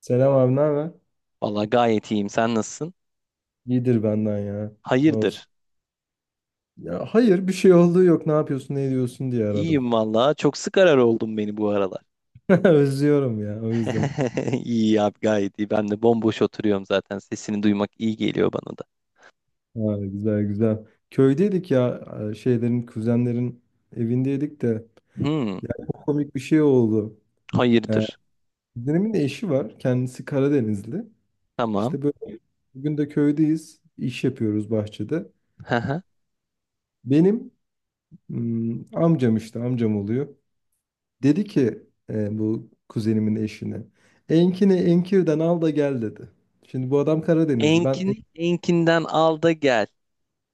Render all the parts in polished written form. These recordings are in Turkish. Selam abi, ne haber? Valla gayet iyiyim. Sen nasılsın? İyidir benden ya. Ne olsun? Hayırdır? Ya hayır bir şey olduğu yok. Ne yapıyorsun, ne ediyorsun diye aradım. İyiyim valla. Çok sık arar oldun beni bu aralar. Özlüyorum ya o yüzden. İyi abi gayet iyi. Ben de bomboş oturuyorum zaten. Sesini duymak iyi geliyor bana da. Ha, güzel güzel. Köydeydik ya şeylerin, kuzenlerin evindeydik de Hmm, komik bir şey oldu. E, hayırdır? Kuzenimin de eşi var. Kendisi Karadenizli. Tamam. İşte böyle bugün de köydeyiz. İş yapıyoruz bahçede. Haha. Benim amcam işte amcam oluyor. Dedi ki bu kuzenimin eşine. Enkini Enkir'den al da gel dedi. Şimdi bu adam Karadenizli. Ben Enkin, enkinden al da gel.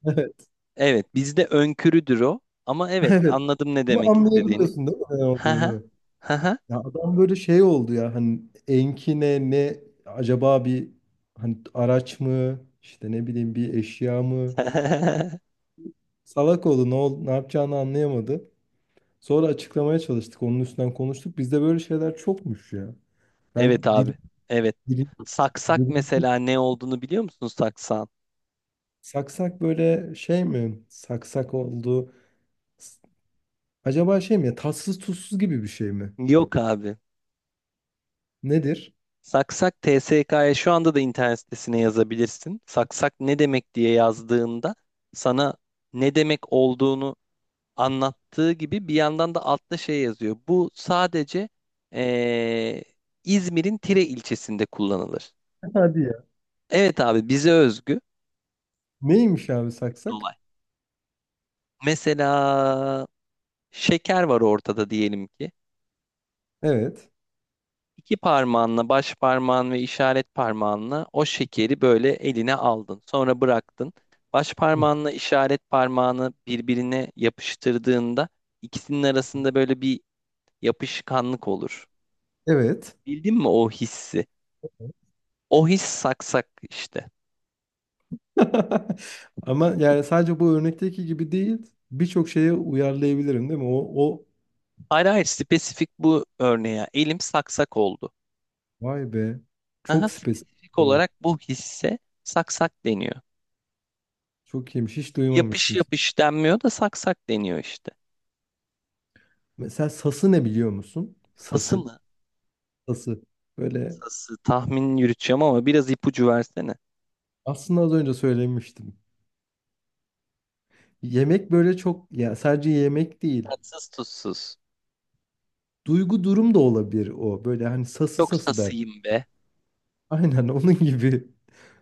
evet. Evet, bizde önkürüdür o. Ama evet, Evet. anladım ne Ama demek istediğini. anlayabiliyorsun değil mi ne Haha. olduğunu? Haha. Ya adam böyle şey oldu ya hani enkine ne, acaba bir, hani araç mı işte ne bileyim bir eşya mı? Salak oldu ne yapacağını anlayamadı. Sonra açıklamaya çalıştık onun üstünden konuştuk. Bizde böyle şeyler çokmuş ya. Ben Evet dilim, abi. Evet. dilim, Saksak dilim. mesela ne olduğunu biliyor musun saksan? Saksak böyle şey mi? Saksak oldu. S- Acaba şey mi ya, tatsız tuzsuz gibi bir şey mi? Yok abi. Nedir? Saksak TSK'ya şu anda da internet sitesine yazabilirsin. Saksak ne demek diye yazdığında sana ne demek olduğunu anlattığı gibi bir yandan da altta şey yazıyor. Bu sadece eee, İzmir'in Tire ilçesinde kullanılır. Hadi ya. Evet abi bize özgü. Neymiş abi saksak? Olay. Mesela şeker var ortada diyelim ki. Evet. İki parmağınla baş parmağın ve işaret parmağınla o şekeri böyle eline aldın. Sonra bıraktın. Baş Hı. parmağınla işaret parmağını birbirine yapıştırdığında ikisinin arasında böyle bir yapışkanlık olur. Evet. Bildin mi o hissi? O his saksak işte. Ama yani sadece bu örnekteki gibi değil. Birçok şeye uyarlayabilirim değil mi? O Hayır hayır, spesifik bu örneğe. Elim saksak oldu. vay be. Aha, Çok spesifik. spesifik Evet. olarak bu hisse saksak deniyor. Çok iyiymiş. Hiç Yapış duymamıştım. yapış denmiyor da saksak deniyor işte. Mesela sası ne biliyor musun? Fası Sası. mı? Sası. Böyle Sası tahmin yürüteceğim ama biraz ipucu versene. aslında az önce söylemiştim. Yemek böyle çok ya, sadece yemek değil. Tatsız tuzsuz. Duygu durum da olabilir o. Böyle hani sası Çok sası der. sasıyım be. Aynen onun gibi.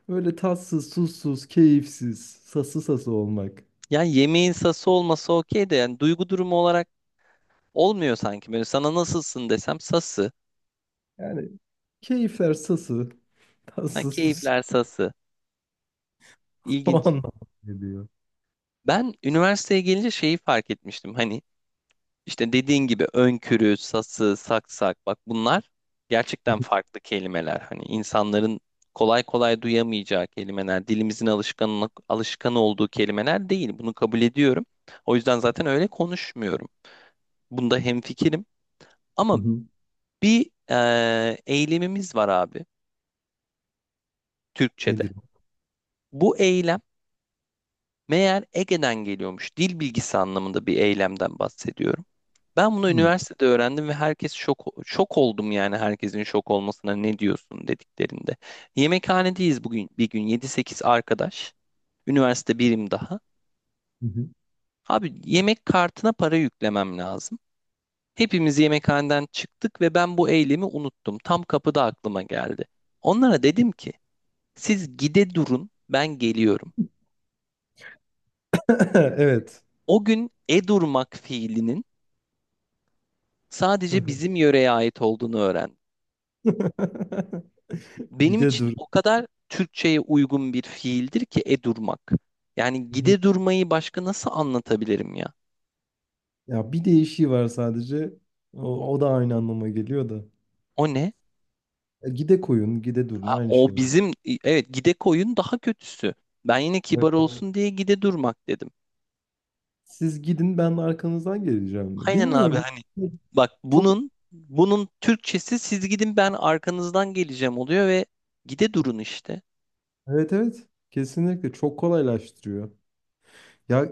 Böyle tatsız, tuzsuz, keyifsiz, sası sası olmak. Yani yemeğin sası olması okey de, yani duygu durumu olarak olmuyor sanki. Böyle sana nasılsın desem sası. Yani keyifler sası, Ha, tatsız, tuzsuz. keyifler sası. O İlginç. anlamda geliyor. Ben üniversiteye gelince şeyi fark etmiştim. Hani İşte dediğin gibi önkürü, sası, saksak, bak bunlar gerçekten farklı kelimeler. Hani insanların kolay kolay duyamayacağı kelimeler, dilimizin alışkanlık, alışkan olduğu kelimeler değil. Bunu kabul ediyorum. O yüzden zaten öyle konuşmuyorum. Bunda hemfikirim. Hı Ama hı. bir eylemimiz var abi, Türkçe'de. Nedir o? Bu eylem meğer Ege'den geliyormuş. Dil bilgisi anlamında bir eylemden bahsediyorum. Ben bunu Hı. üniversitede öğrendim ve herkes şok oldum yani herkesin şok olmasına ne diyorsun dediklerinde. Yemekhanedeyiz bugün bir gün, yedi sekiz arkadaş. Üniversite birim daha. Hı hı. Abi yemek kartına para yüklemem lazım. Hepimiz yemekhaneden çıktık ve ben bu eylemi unuttum. Tam kapıda aklıma geldi. Onlara dedim ki siz gide durun, ben geliyorum. Evet. O gün e durmak fiilinin Hı sadece hı. bizim yöreye ait olduğunu öğren. Benim Gide için dur. o kadar Türkçe'ye uygun bir fiildir ki e durmak. Yani Hı hı. gide durmayı başka nasıl anlatabilirim ya? Ya bir değişiği var sadece. O da aynı anlama geliyor da. O ne? E, gide koyun, gide durun Ha, aynı o şey. bizim, evet gide koyun daha kötüsü. Ben yine kibar evet olsun diye gide durmak dedim. Siz gidin ben arkanızdan geleceğim. Aynen abi, Bilmiyorum. hani bak Çok bunun Türkçesi siz gidin ben arkanızdan geleceğim oluyor ve gide durun işte. evet. Kesinlikle çok kolaylaştırıyor. Ya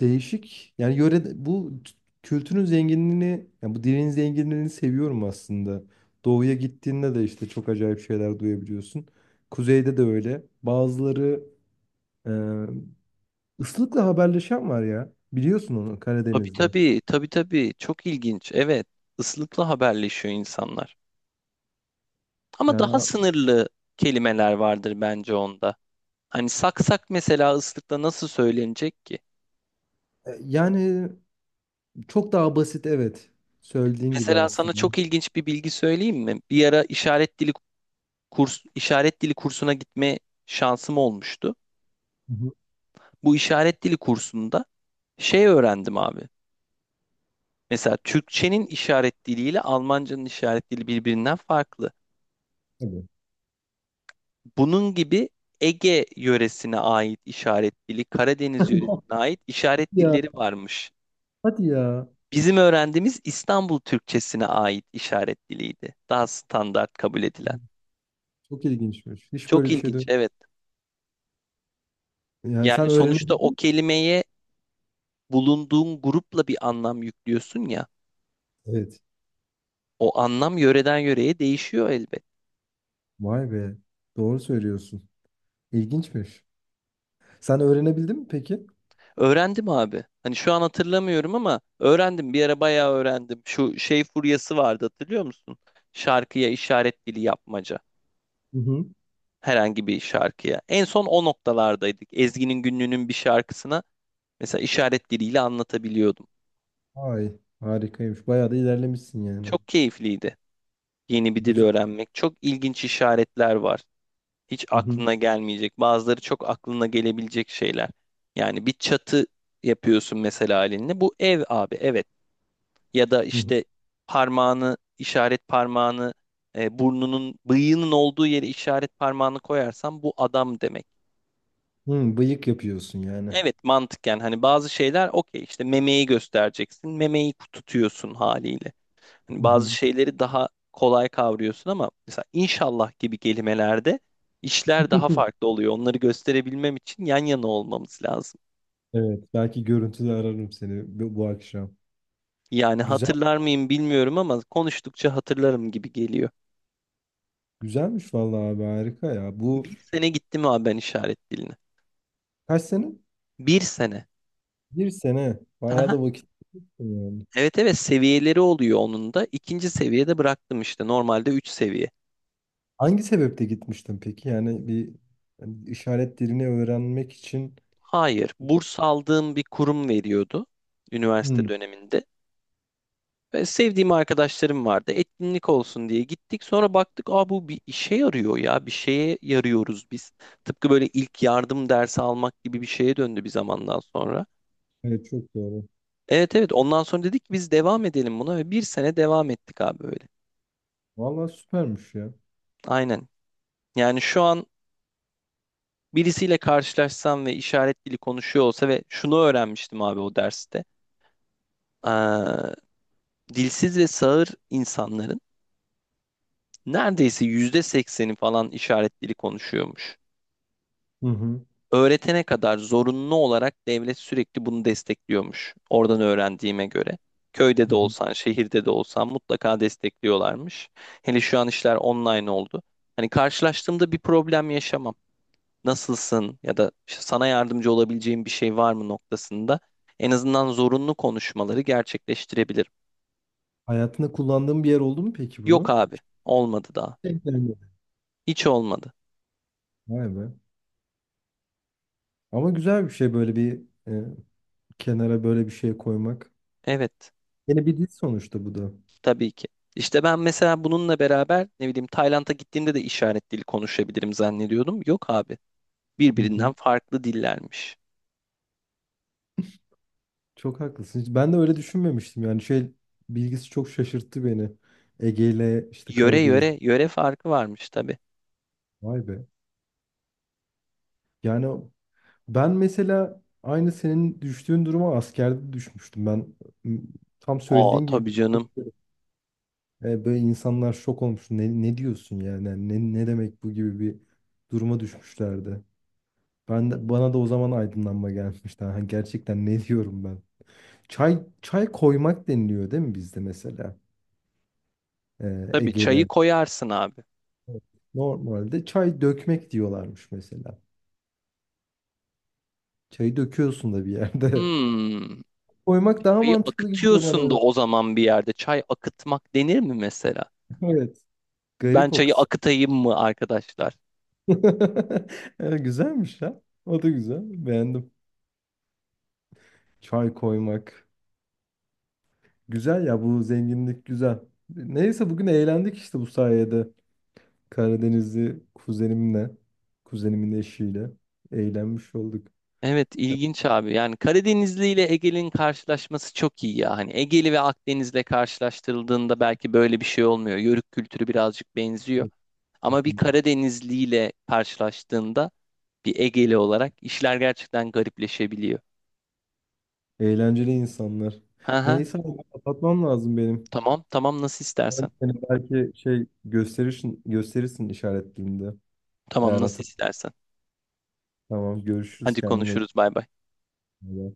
değişik. Yani yöre bu kültürün zenginliğini, yani bu dilin zenginliğini seviyorum aslında. Doğuya gittiğinde de işte çok acayip şeyler duyabiliyorsun. Kuzeyde de öyle. Bazıları e, ıslıkla haberleşen var ya. Biliyorsun onu Tabii Karadeniz'de. tabii, tabii tabii. Çok ilginç. Evet, ıslıkla haberleşiyor insanlar. Ama Yani daha a- sınırlı kelimeler vardır bence onda. Hani saksak mesela ıslıkla nasıl söylenecek ki? Yani çok daha basit evet. Söylediğin gibi Mesela sana aslında. çok ilginç bir bilgi söyleyeyim mi? Bir ara işaret dili kurs, işaret dili kursuna gitme şansım olmuştu. Hı Bu işaret dili kursunda şey öğrendim abi. Mesela Türkçenin işaret diliyle Almancanın işaret dili birbirinden farklı. hı. Bunun gibi Ege yöresine ait işaret dili, Karadeniz yöresine ait işaret Ya dilleri varmış. hadi ya. Bizim öğrendiğimiz İstanbul Türkçesine ait işaret diliydi. Daha standart kabul edilen. Çok ilginçmiş. Hiç böyle Çok bir şey de ilginç, evet. yani Yani sen sonuçta o öğrenebildin. kelimeye bulunduğun grupla bir anlam yüklüyorsun ya. Evet. O anlam yöreden yöreye değişiyor elbet. Vay be. Doğru söylüyorsun. İlginçmiş. Sen öğrenebildin mi peki? Öğrendim abi. Hani şu an hatırlamıyorum ama öğrendim. Bir ara bayağı öğrendim. Şu şey furyası vardı, hatırlıyor musun? Şarkıya işaret dili yapmaca. Hı hı. Herhangi bir şarkıya. En son o noktalardaydık. Ezgi'nin Günlü'nün bir şarkısına mesela işaret diliyle anlatabiliyordum. Ay harikaymış. Bayağı da ilerlemişsin yani. Çok keyifliydi. Yeni bir dil Güzel. öğrenmek. Çok ilginç işaretler var. Hiç Hı hı. aklına gelmeyecek. Bazıları çok aklına gelebilecek şeyler. Yani bir çatı yapıyorsun mesela elinle. Bu ev abi, evet. Ya da Hı hı. işte parmağını, işaret parmağını burnunun bıyığının olduğu yere işaret parmağını koyarsan bu adam demek. Hı, bıyık yapıyorsun yani. Evet mantıken, yani hani bazı şeyler okey, işte memeyi göstereceksin memeyi tutuyorsun haliyle. Hani Hı bazı hı. şeyleri daha kolay kavruyorsun ama mesela inşallah gibi kelimelerde işler daha farklı oluyor. Onları gösterebilmem için yan yana olmamız lazım. Evet. Belki görüntülü ararım seni bu akşam. Yani Güzel. hatırlar mıyım bilmiyorum ama konuştukça hatırlarım gibi geliyor. Güzelmiş vallahi abi, harika ya. Bu Bir sene gittim abi ben işaret diline. kaç sene? Bir sene. Bir sene. Bayağı Aha. da vakit. Evet evet, seviyeleri oluyor onun da. İkinci seviyede bıraktım, işte normalde 3 seviye. Hangi sebeple gitmiştin peki? Yani bir, hani işaret dilini öğrenmek için. Hayır, burs aldığım bir kurum veriyordu üniversite Hmm, döneminde. Ve sevdiğim arkadaşlarım vardı. Etkinlik olsun diye gittik. Sonra baktık, aa bu bir işe yarıyor ya. Bir şeye yarıyoruz biz. Tıpkı böyle ilk yardım dersi almak gibi bir şeye döndü bir zamandan sonra. evet çok doğru. Evet evet, ondan sonra dedik ki biz devam edelim buna ve bir sene devam ettik abi böyle. Vallahi süpermiş ya. Aynen. Yani şu an birisiyle karşılaşsam ve işaret dili konuşuyor olsa, ve şunu öğrenmiştim abi o derste. Aa, dilsiz ve sağır insanların neredeyse %80'i falan işaret dili konuşuyormuş. Hı hı. Öğretene kadar zorunlu olarak devlet sürekli bunu destekliyormuş. Oradan öğrendiğime göre. Köyde Hı de hı. olsan, şehirde de olsan mutlaka destekliyorlarmış. Hele şu an işler online oldu. Hani karşılaştığımda bir problem yaşamam. Nasılsın ya da işte sana yardımcı olabileceğim bir şey var mı noktasında en azından zorunlu konuşmaları gerçekleştirebilirim. Hayatında kullandığın bir yer oldu mu peki Yok bunu? abi, olmadı daha. Denk gelmedi. Hiç olmadı. Vay be. Ama güzel bir şey, böyle bir, e, kenara böyle bir şey koymak. Evet, Yine bir dil sonuçta bu da. tabii ki. İşte ben mesela bununla beraber ne bileyim Tayland'a gittiğimde de işaret dili konuşabilirim zannediyordum. Yok abi. Hı Birbirinden hı. farklı dillermiş. Çok haklısın. Hiç- ben de öyle düşünmemiştim. Yani şey bilgisi çok şaşırttı beni. Ege ile işte Yöre Karadeniz. yöre yöre farkı varmış tabii. Vay be. Yani, ben mesela aynı senin düştüğün duruma askerde düşmüştüm. Ben m, tam Aa söylediğin gibi tabii canım. Böyle insanlar şok olmuş. Ne, ne diyorsun yani? Yani ne, ne demek bu gibi bir duruma düşmüşlerdi. Bana da o zaman aydınlanma gelmişti. Ha, gerçekten ne diyorum ben? Çay koymak deniliyor değil mi bizde mesela? E, Tabii çayı Ege'de. koyarsın abi. Evet. Normalde çay dökmek diyorlarmış mesela. Çayı döküyorsun da bir yerde. Hmm. Koymak daha Çayı mantıklı gibi geliyor akıtıyorsun da bana. o zaman bir yerde. Çay akıtmak denir mi mesela? Evet. Ben Garip o çayı kısım. akıtayım mı arkadaşlar? Evet, güzelmiş ya. O da güzel. Beğendim. Çay koymak. Güzel ya, bu zenginlik güzel. Neyse bugün eğlendik işte bu sayede. Karadenizli kuzenimle, kuzenimin eşiyle eğlenmiş olduk. Evet ilginç abi. Yani Karadenizli ile Ege'nin karşılaşması çok iyi ya. Hani Ege'li ve Akdeniz'le karşılaştırıldığında belki böyle bir şey olmuyor. Yörük kültürü birazcık benziyor. Evet. Ama bir Karadenizliyle karşılaştığında bir Egeli olarak işler gerçekten garipleşebiliyor. Eğlenceli insanlar. Ha ha, Neyse abi, kapatmam lazım benim. tamam tamam, nasıl Ben istersen. seni belki şey, gösterirsin işaretliğinde. Eğer Tamam nasıl hatırlamam. istersen. Tamam, görüşürüz, Hadi kendine konuşuruz, bay bay. iyi bak.